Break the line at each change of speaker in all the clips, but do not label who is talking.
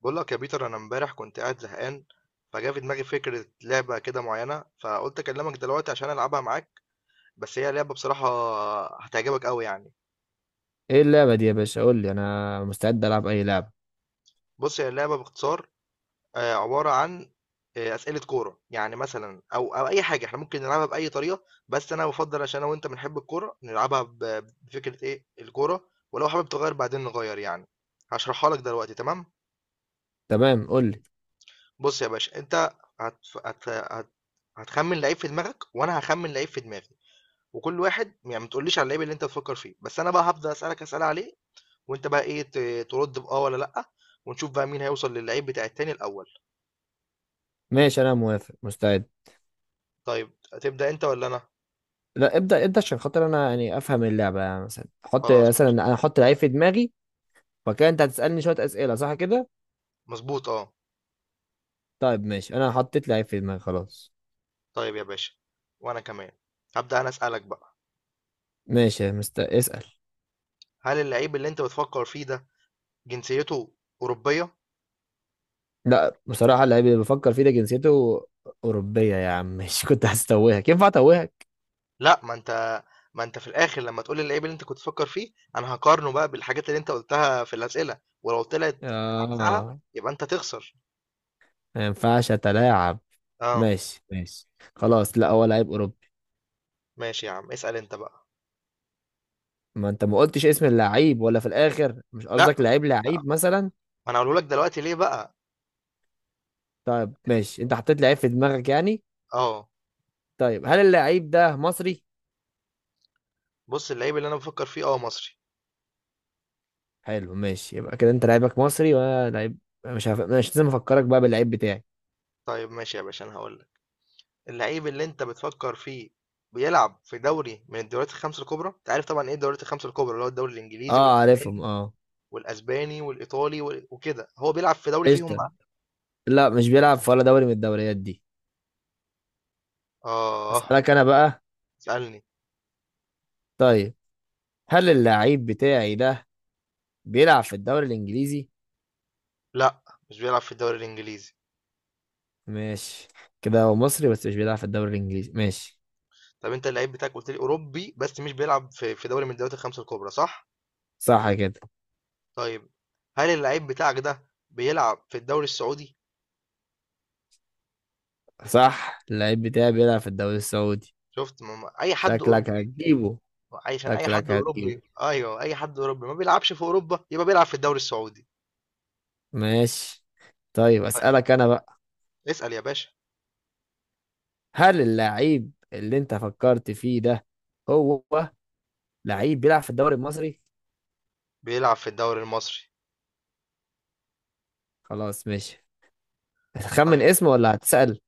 بقول لك يا بيتر، انا امبارح كنت قاعد زهقان. فجا في دماغي فكرة لعبة كده معينة، فقلت اكلمك دلوقتي عشان العبها معاك. بس هي لعبة بصراحة هتعجبك قوي يعني.
ايه اللعبة دي يا باشا؟ قول لي، انا مستعد العب اي لعبة.
بص هي اللعبة باختصار عبارة عن أسئلة كورة يعني، مثلا، أو أي حاجة احنا ممكن نلعبها بأي طريقة، بس أنا بفضل عشان أنا وأنت بنحب الكورة نلعبها بفكرة إيه الكورة، ولو حابب تغير بعدين نغير يعني. هشرحها لك دلوقتي، تمام؟
تمام، قول لي.
بص يا باشا، أنت هت... هت... هت... هتخمن لعيب في دماغك وأنا هخمن لعيب في دماغي. وكل واحد يعني ما تقوليش على اللعيب اللي انت تفكر فيه، بس انا بقى هبدا اسالك اسئله عليه. وانت بقى ايه، ترد باه ولا لا، ونشوف بقى مين هيوصل للعيب بتاع التاني الاول.
ماشي، انا موافق مستعد.
طيب، هتبدا انت ولا انا؟
لا، ابدأ انت عشان خاطر انا يعني افهم اللعبة. يعني مثلا حط،
خلاص
مثلا
ماشي.
انا احط لعيب في دماغي. فكده انت هتسألني شوية اسئلة، صح كده؟
مظبوط، اه.
طيب ماشي، انا حطيت لعيب في دماغي خلاص.
طيب يا باشا، وانا كمان هبدا انا اسالك بقى.
ماشي، اسأل.
هل اللعيب اللي انت بتفكر فيه ده جنسيته اوروبيه؟
لا، بصراحة اللعيب اللي بفكر فيه ده جنسيته أوروبية يا عم. مش كنت هستوهك؟ ينفع اتوهك؟
لا، ما انت في الاخر لما تقول لي اللعيب اللي انت كنت تفكر فيه، انا هقارنه بقى بالحاجات اللي انت قلتها في الاسئله، ولو طلعت عكسها
اه.
يبقى انت تخسر.
ما ينفعش اتلاعب.
اه
ماشي ماشي. خلاص، لا هو لعيب أوروبي.
ماشي، يا عم اسال انت بقى.
ما انت ما قلتش اسم اللعيب؟ ولا في الاخر مش
لأ،
قصدك لعيب؟ لعيب مثلا.
ما أنا هاقوله لك دلوقتي ليه بقى.
طيب ماشي، انت حطيت لعيب في دماغك يعني.
آه.
طيب، هل اللعيب ده مصري؟
بُص، اللعيب اللي أنا بافكّر فيه آه مصري.
حلو ماشي، يبقى كده انت لعيبك مصري وانا لعيب. مش عارف، مش لازم افكرك بقى باللعيب بتاعي.
طيب ماشي يا باشا، أنا هاقول لك، اللعيب اللي أنت بتفكّر فيه بيلعب في دوري من الدوريات ال5 الكبرى. أنت عارف طبعًا إيه الدوريات ال5 الكبرى، اللي هو الدوري الإنجليزي
اه عارفهم
والألماني
اه.
والأسباني والإيطالي وكده. هو بيلعب في دوري فيهم
قشطة.
بقى؟
لا، مش بيلعب في ولا دوري من الدوريات دي.
آه،
اسالك انا بقى.
اسألني.
طيب، هل اللعيب بتاعي ده بيلعب في الدوري الانجليزي؟
لأ، مش بيلعب في الدوري الإنجليزي.
ماشي. كده هو مصري بس مش بيلعب في الدوري الانجليزي، ماشي.
طب أنت اللعيب بتاعك قُلت لي أوروبي، بس مش بيلعب في دوري من الدوريات ال5 الكبرى، صح؟
صح كده.
طيب، هل اللعيب بتاعك ده بيلعب في الدوري السعودي؟
صح، اللعيب بتاعي بيلعب في الدوري السعودي.
شُفت؟ ما أي حد
شكلك
أوروبي،
هتجيبه.
عشان أي حد
شكلك هتجيبه.
أوروبي، أيوه، أي حد أوروبي ما بيلعبش في أوروبا يبقى بيلعب في الدوري السعودي.
ماشي. طيب،
طيب،
أسألك أنا بقى.
اسأل يا باشا.
هل اللاعب اللي أنت فكرت فيه ده هو لعيب بيلعب في الدوري المصري؟
بيلعب في الدوري المصري.
خلاص ماشي. هتخمن
طيب
اسمه ولا هتسأل؟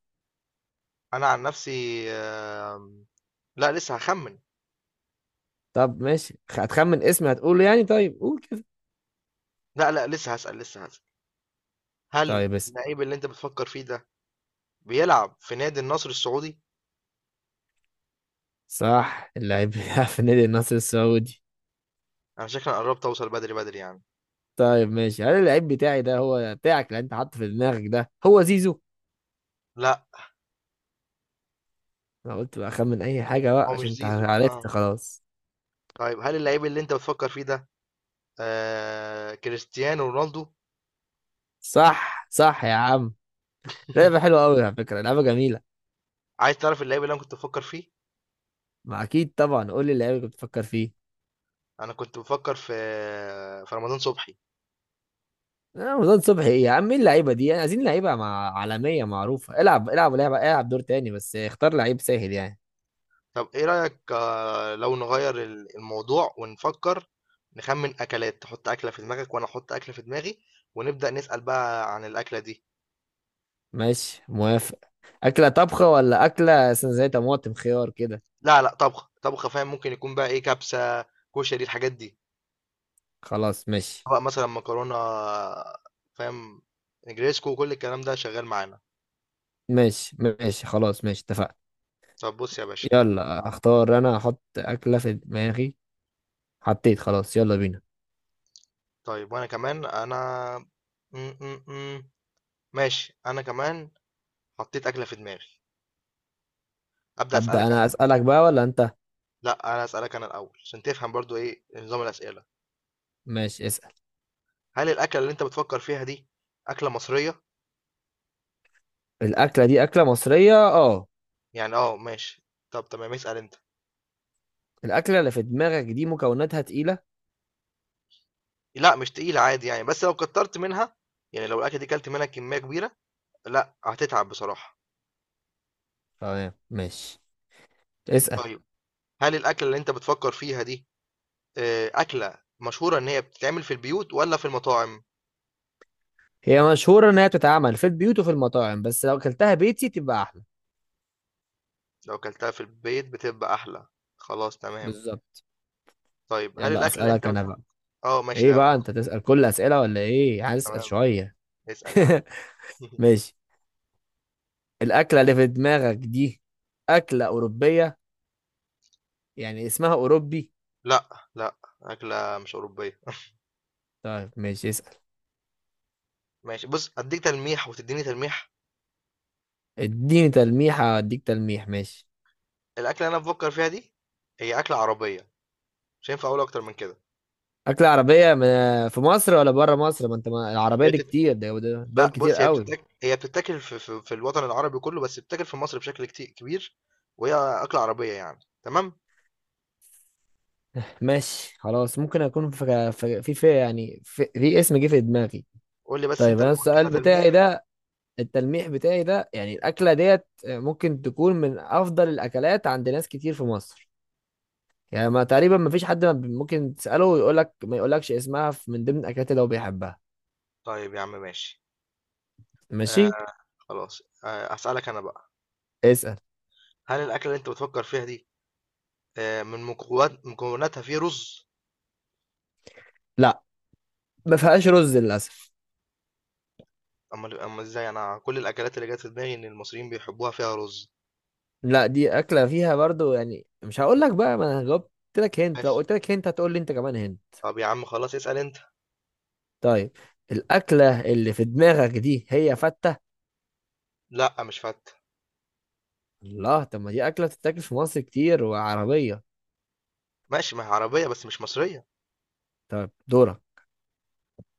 أنا عن نفسي آمم، لأ لسه هاخمّن.
طب ماشي، هتخمن اسمه هتقوله يعني؟ طيب قول كده.
لأ، لأ لسه هاسأل، لسه هاسأل. هل
طيب اسم
اللعيب اللي أنت بتفكّر فيه ده بيلعب في نادي النصر السعودي؟
صح، اللاعب بيلعب في نادي النصر السعودي.
أنا شكلي قرّبت أوصل بدري، بدري يعني.
طيب ماشي، هل اللعيب بتاعي ده هو بتاعك اللي أنت حاطه في دماغك ده هو زيزو؟
لأ،
أنا قلت بقى أخمن أي حاجة بقى
هو مش
عشان أنت
زيزو آه.
عرفت خلاص.
طيب هل اللعيب اللي أنت بتفكّر فيه ده كريستيانو رونالدو؟
صح صح يا عم. لعبة حلوة أوي، على فكرة لعبة جميلة.
عايز تعرف اللعيب اللي أنا كنت بافكّر فيه؟
ما أكيد طبعا، قول لي اللعيبة اللي بتفكر فيه.
انا كنت بفكر في رمضان صبحي.
رمضان صبحي إيه يا عم؟ مين اللعيبة دي يعني؟ عايزين لعيبة مع عالمية معروفة. العب العب لعبة، العب دور تاني بس اختار لعيب سهل يعني.
طب ايه رأيك، لو نغير الموضوع ونفكر، نخمن اكلات. تحط اكلة في دماغك وانا احط اكلة في دماغي، ونبدأ نسأل بقى عن الاكلة دي.
ماشي موافق. أكلة طبخة ولا أكلة مثلا زي طماطم خيار كده؟
لا لا، طبخ طبخ، فاهم. ممكن يكون بقى ايه، كبسة، كشري، الحاجات دي،
خلاص ماشي.
بقى مثلا مكرونة، فاهم، نجريسكو وكل الكلام ده شغال معانا.
ماشي ماشي خلاص ماشي، اتفقنا.
طب بص يا باشا،
يلا اختار، أنا أحط أكلة في دماغي. حطيت خلاص، يلا بينا.
طيب وانا كمان انا م -م -م. ماشي انا كمان حطيت اكلة في دماغي. أبدأ
أبدأ
أسألك أنا.
أنا أسألك بقى ولا أنت؟
لا، انا اسالك انا الاول عشان تفهم برضو ايه نظام الاسئله.
ماشي اسأل.
هل الاكله اللي انت بتفكر فيها دي اكله مصريه؟
الأكلة دي أكلة مصرية اه.
يعني اه، ماشي. طب تمام، اسال انت.
الأكلة اللي في دماغك دي مكوناتها تقيلة؟
لا مش تقيله، عادي يعني، بس لو كترت منها، يعني لو الاكله دي كلت منها كميه كبيره لا هتتعب بصراحه.
تمام ماشي، اسأل.
طيب هل الاكله اللي انت بتفكر فيها دي اكله مشهوره ان هي بتتعمل في البيوت ولا في المطاعم؟
هي مشهورة إن هي بتتعمل في البيوت وفي المطاعم، بس لو أكلتها بيتي تبقى أحلى.
لو كلتها في البيت بتبقى احلى، خلاص تمام.
بالظبط.
طيب هل
يلا
الاكله اللي انت
أسألك أنا
بتفكر.
بقى.
اه ماشي
إيه
ده.
بقى؟ أنت تسأل كل أسئلة ولا إيه؟ هسأل
تمام،
شوية.
اسال يا عم.
ماشي. الأكلة اللي في دماغك دي أكلة أوروبية، يعني اسمها أوروبي؟
لأ، لأ، أكلة مش أوروبية.
طيب ماشي، اسأل.
ماشي بُص، أدّيك تلميح وتدّيني تلميح.
اديني تلميحة أديك تلميح، ماشي.
الأكلة اللي أنا بافكّر فيها دي هي أكلة عربية، مش هينفع أقول أكتر من كده.
أكلة عربية في مصر ولا بره مصر؟ ما أنت، ما العربية
هي
دي
بتت
كتير، دول
لأ
كتير
بُص،
قوي.
هي بتتاكل في الوطن العربي كُلّه، بس بتتاكل في مصر بشكل كبير، وهي أكلة عربية يعني، تمام؟
ماشي خلاص، ممكن اكون في اسم جه في دماغي.
قُل لي بس
طيب
أنت
انا
الأول
السؤال
كده
بتاعي
تلميح.
ده التلميح بتاعي ده يعني الاكله ديت ممكن تكون من افضل الاكلات عند ناس كتير في مصر. يعني ما تقريبا ما فيش حد ما بي- ممكن تساله ويقول لك ما يقولكش اسمها من ضمن الاكلات اللي هو بيحبها.
طيب يا عم ماشي. آآ
ماشي،
خلاص، هاسألك أنا بقى.
اسال.
هل الأكلة اللي أنت بتفكّر فيها دي من مكوناتها في رُز؟
لا، ما فيهاش رز للاسف.
أمّال إزاي؟ أنا كل الأكلات اللي جات في دماغي إن المصريين بيحبوها فيها رُز.
لا، دي اكله فيها برضو يعني، مش هقول لك بقى، ما انا جاوبت لك هنت. لو
ماشي.
قلت لك هنت هتقول لي انت كمان هنت.
طب يا عم خلاص، اسأل أنت.
طيب الأكلة اللي في دماغك دي هي فتة؟
لأ مش فتة.
الله. طب ما دي أكلة بتتاكل في مصر كتير وعربية.
ماشي، ما هي عربية بس مش مصرية.
طيب دورك.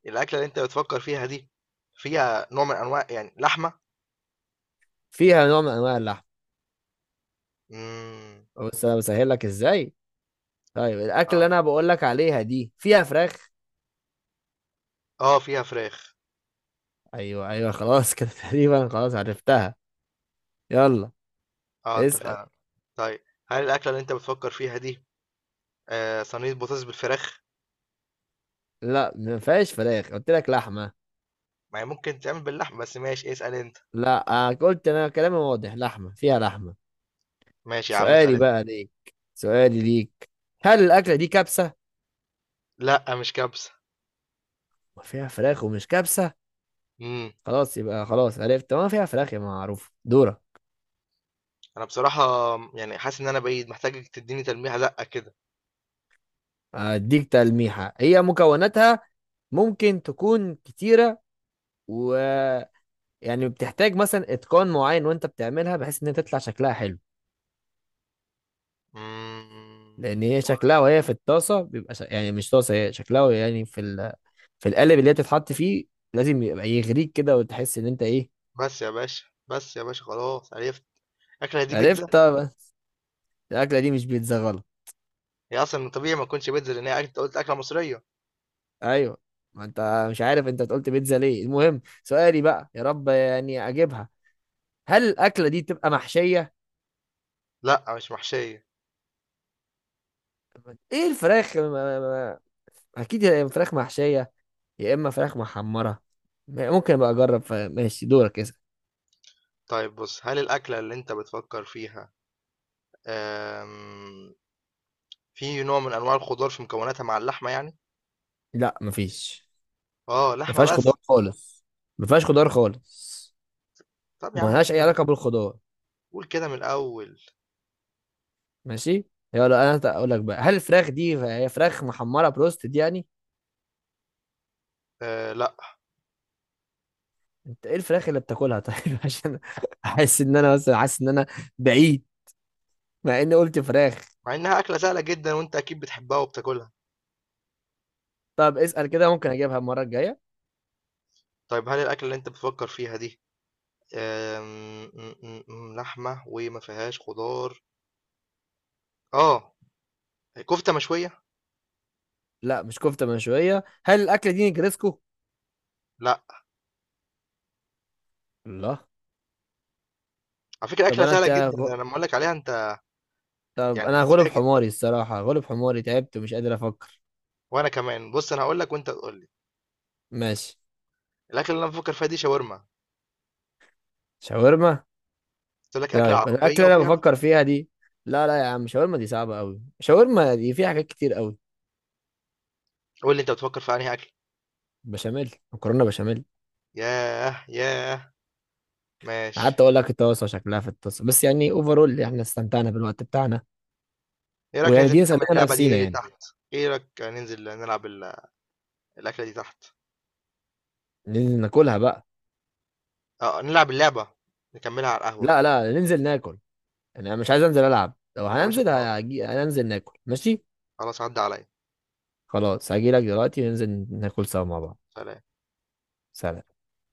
الأكلة اللي أنت بتفكر فيها دي فيها نوع من أنواع يعني لحمة؟
فيها نوع من أنواع اللحم.
امم.
بس أنا بسهل لك إزاي؟ طيب الأكلة اللي
آه.
أنا بقول لك عليها دي فيها فراخ؟
آه فيها فراخ.
أيوه أيوه، خلاص كده، تقريبا خلاص عرفتها. يلا
آه أنت
اسأل.
فعلًا. طيب هل الأكلة اللي أنت بتفكر فيها دي صينية بطاطس بالفراخ؟
لا، ما فيهاش فراخ، قلت لك لحمة.
ما هي ممكن تتعمل باللحمة، بس ماشي اسأل أنت.
لا، قلت أنا كلامي واضح، لحمة فيها لحمة.
ماشي يا عم، اسأل
سؤالي
أنت.
بقى ليك سؤالي ليك، هل الأكلة دي كبسة؟
لأ مش كبسة.
ما فيها فراخ ومش كبسة.
امم.
خلاص يبقى، خلاص عرفت، ما فيها فراخ يا معروف، دورة.
أنا بصراحة يعني حاسس إن أنا بعيد، محتاجك تدّيني تلميحة دَقّة كده.
اديك تلميحة، هي مكوناتها ممكن تكون كتيرة، و يعني بتحتاج مثلا اتقان معين، وانت بتعملها بحيث ان هي تطلع شكلها حلو. لان
امم.
هي شكلها وهي في الطاسة بيبقى يعني مش طاسة، هي شكلها وهي يعني في القالب اللي هي تتحط فيه. لازم يبقى يغريك كده وتحس ان انت ايه.
بس يا باشا، بس يا باشا خلاص عرفت. أكلة دي
عرفت
بيتزا؟
طب. الاكلة دي مش بيتزا، غلط.
هي أصلا من طبيعي ما تكونش بيتزا لأن هي أنت قلت أكلة مصرية.
ايوه، ما انت مش عارف انت قلت بيتزا ليه؟ المهم، سؤالي بقى، يا رب يعني اجيبها. هل الاكله دي تبقى محشيه؟
لأ مش محشية.
ايه الفراخ اكيد يا إما فراخ محشيه، يا اما فراخ محمره. ممكن ابقى اجرب ماشي، دورك اسال.
طيب بص، هل الأكلة اللي أنت بتفكر فيها أم... في نوع من أنواع الخضار في مكوناتها مع اللحمة يعني؟
لا مفيش.
آه
ما
لحمة
فيهاش
بس.
خضار خالص. ما فيهاش خضار خالص.
طب يا
وما
عم قول
لهاش اي
كده،
علاقه بالخضار.
قول كده من الأول.
ماشي. يلا انا اقول لك بقى، هل الفراخ دي هي فراخ محمره بروستد يعني؟
آه، لأ.
انت ايه الفراخ اللي بتاكلها طيب؟ عشان احس ان انا مثلا حاسس ان انا بعيد، مع اني قلت فراخ.
مع إنها أكلة سهلة جدا وأنت أكيد بتحبها وبتاكلها.
طب اسال كده ممكن اجيبها المره الجايه.
طيب هل الأكلة اللي أنت بتفكر فيها دي أم... م- م- م- لحمة وما فيهاش خضار، آه كفتة مشوية؟
لا، مش كفتة مشوية. هل الأكلة دي نجرسكو؟
لأ.
الله.
على فكرة
طب
أكلة
أنا
سهلة
ت...
جدا، ده أنا لما أقول لك عليها أنت
طب
يعني
أنا هغلب
هتتفاجئ.
حماري الصراحة، هغلب حماري، تعبت ومش قادر أفكر.
وانا كمان بص، انا هقول لك وانت تقول لي.
ماشي.
الاكل اللي انا بفكر فيها دي شاورما.
شاورما؟
قلت لك اكله
طيب
عربيه
الأكلة اللي أنا
وفيها.
بفكر فيها دي لا لا يا عم، شاورما دي صعبة أوي، شاورما دي فيها حاجات كتير أوي.
قول لي انت بتفكر في انهي اكل.
بشاميل، مكرونة بشاميل.
ياه ياه، ماشي.
قعدت أقول لك الطاسة شكلها في الطاسة، بس يعني أوفرول إحنا استمتعنا بالوقت بتاعنا.
ايه رايك
ويعني
ننزل
دي
نكمل
نسلينا
اللعبه
نفسينا
دي
يعني.
تحت؟ ايه رايك ننزل نلعب الاكله دي تحت.
ننزل ناكلها بقى.
اه نلعب اللعبه نكملها على القهوه.
لا لا، ننزل ناكل. أنا مش عايز أنزل ألعب، لو
يا باشا
هننزل
خلاص،
هننزل ناكل ماشي.
خلاص عدى عليا.
خلاص هجيلك دلوقتي، ننزل ناكل سوا مع بعض.
سلام.
سلام.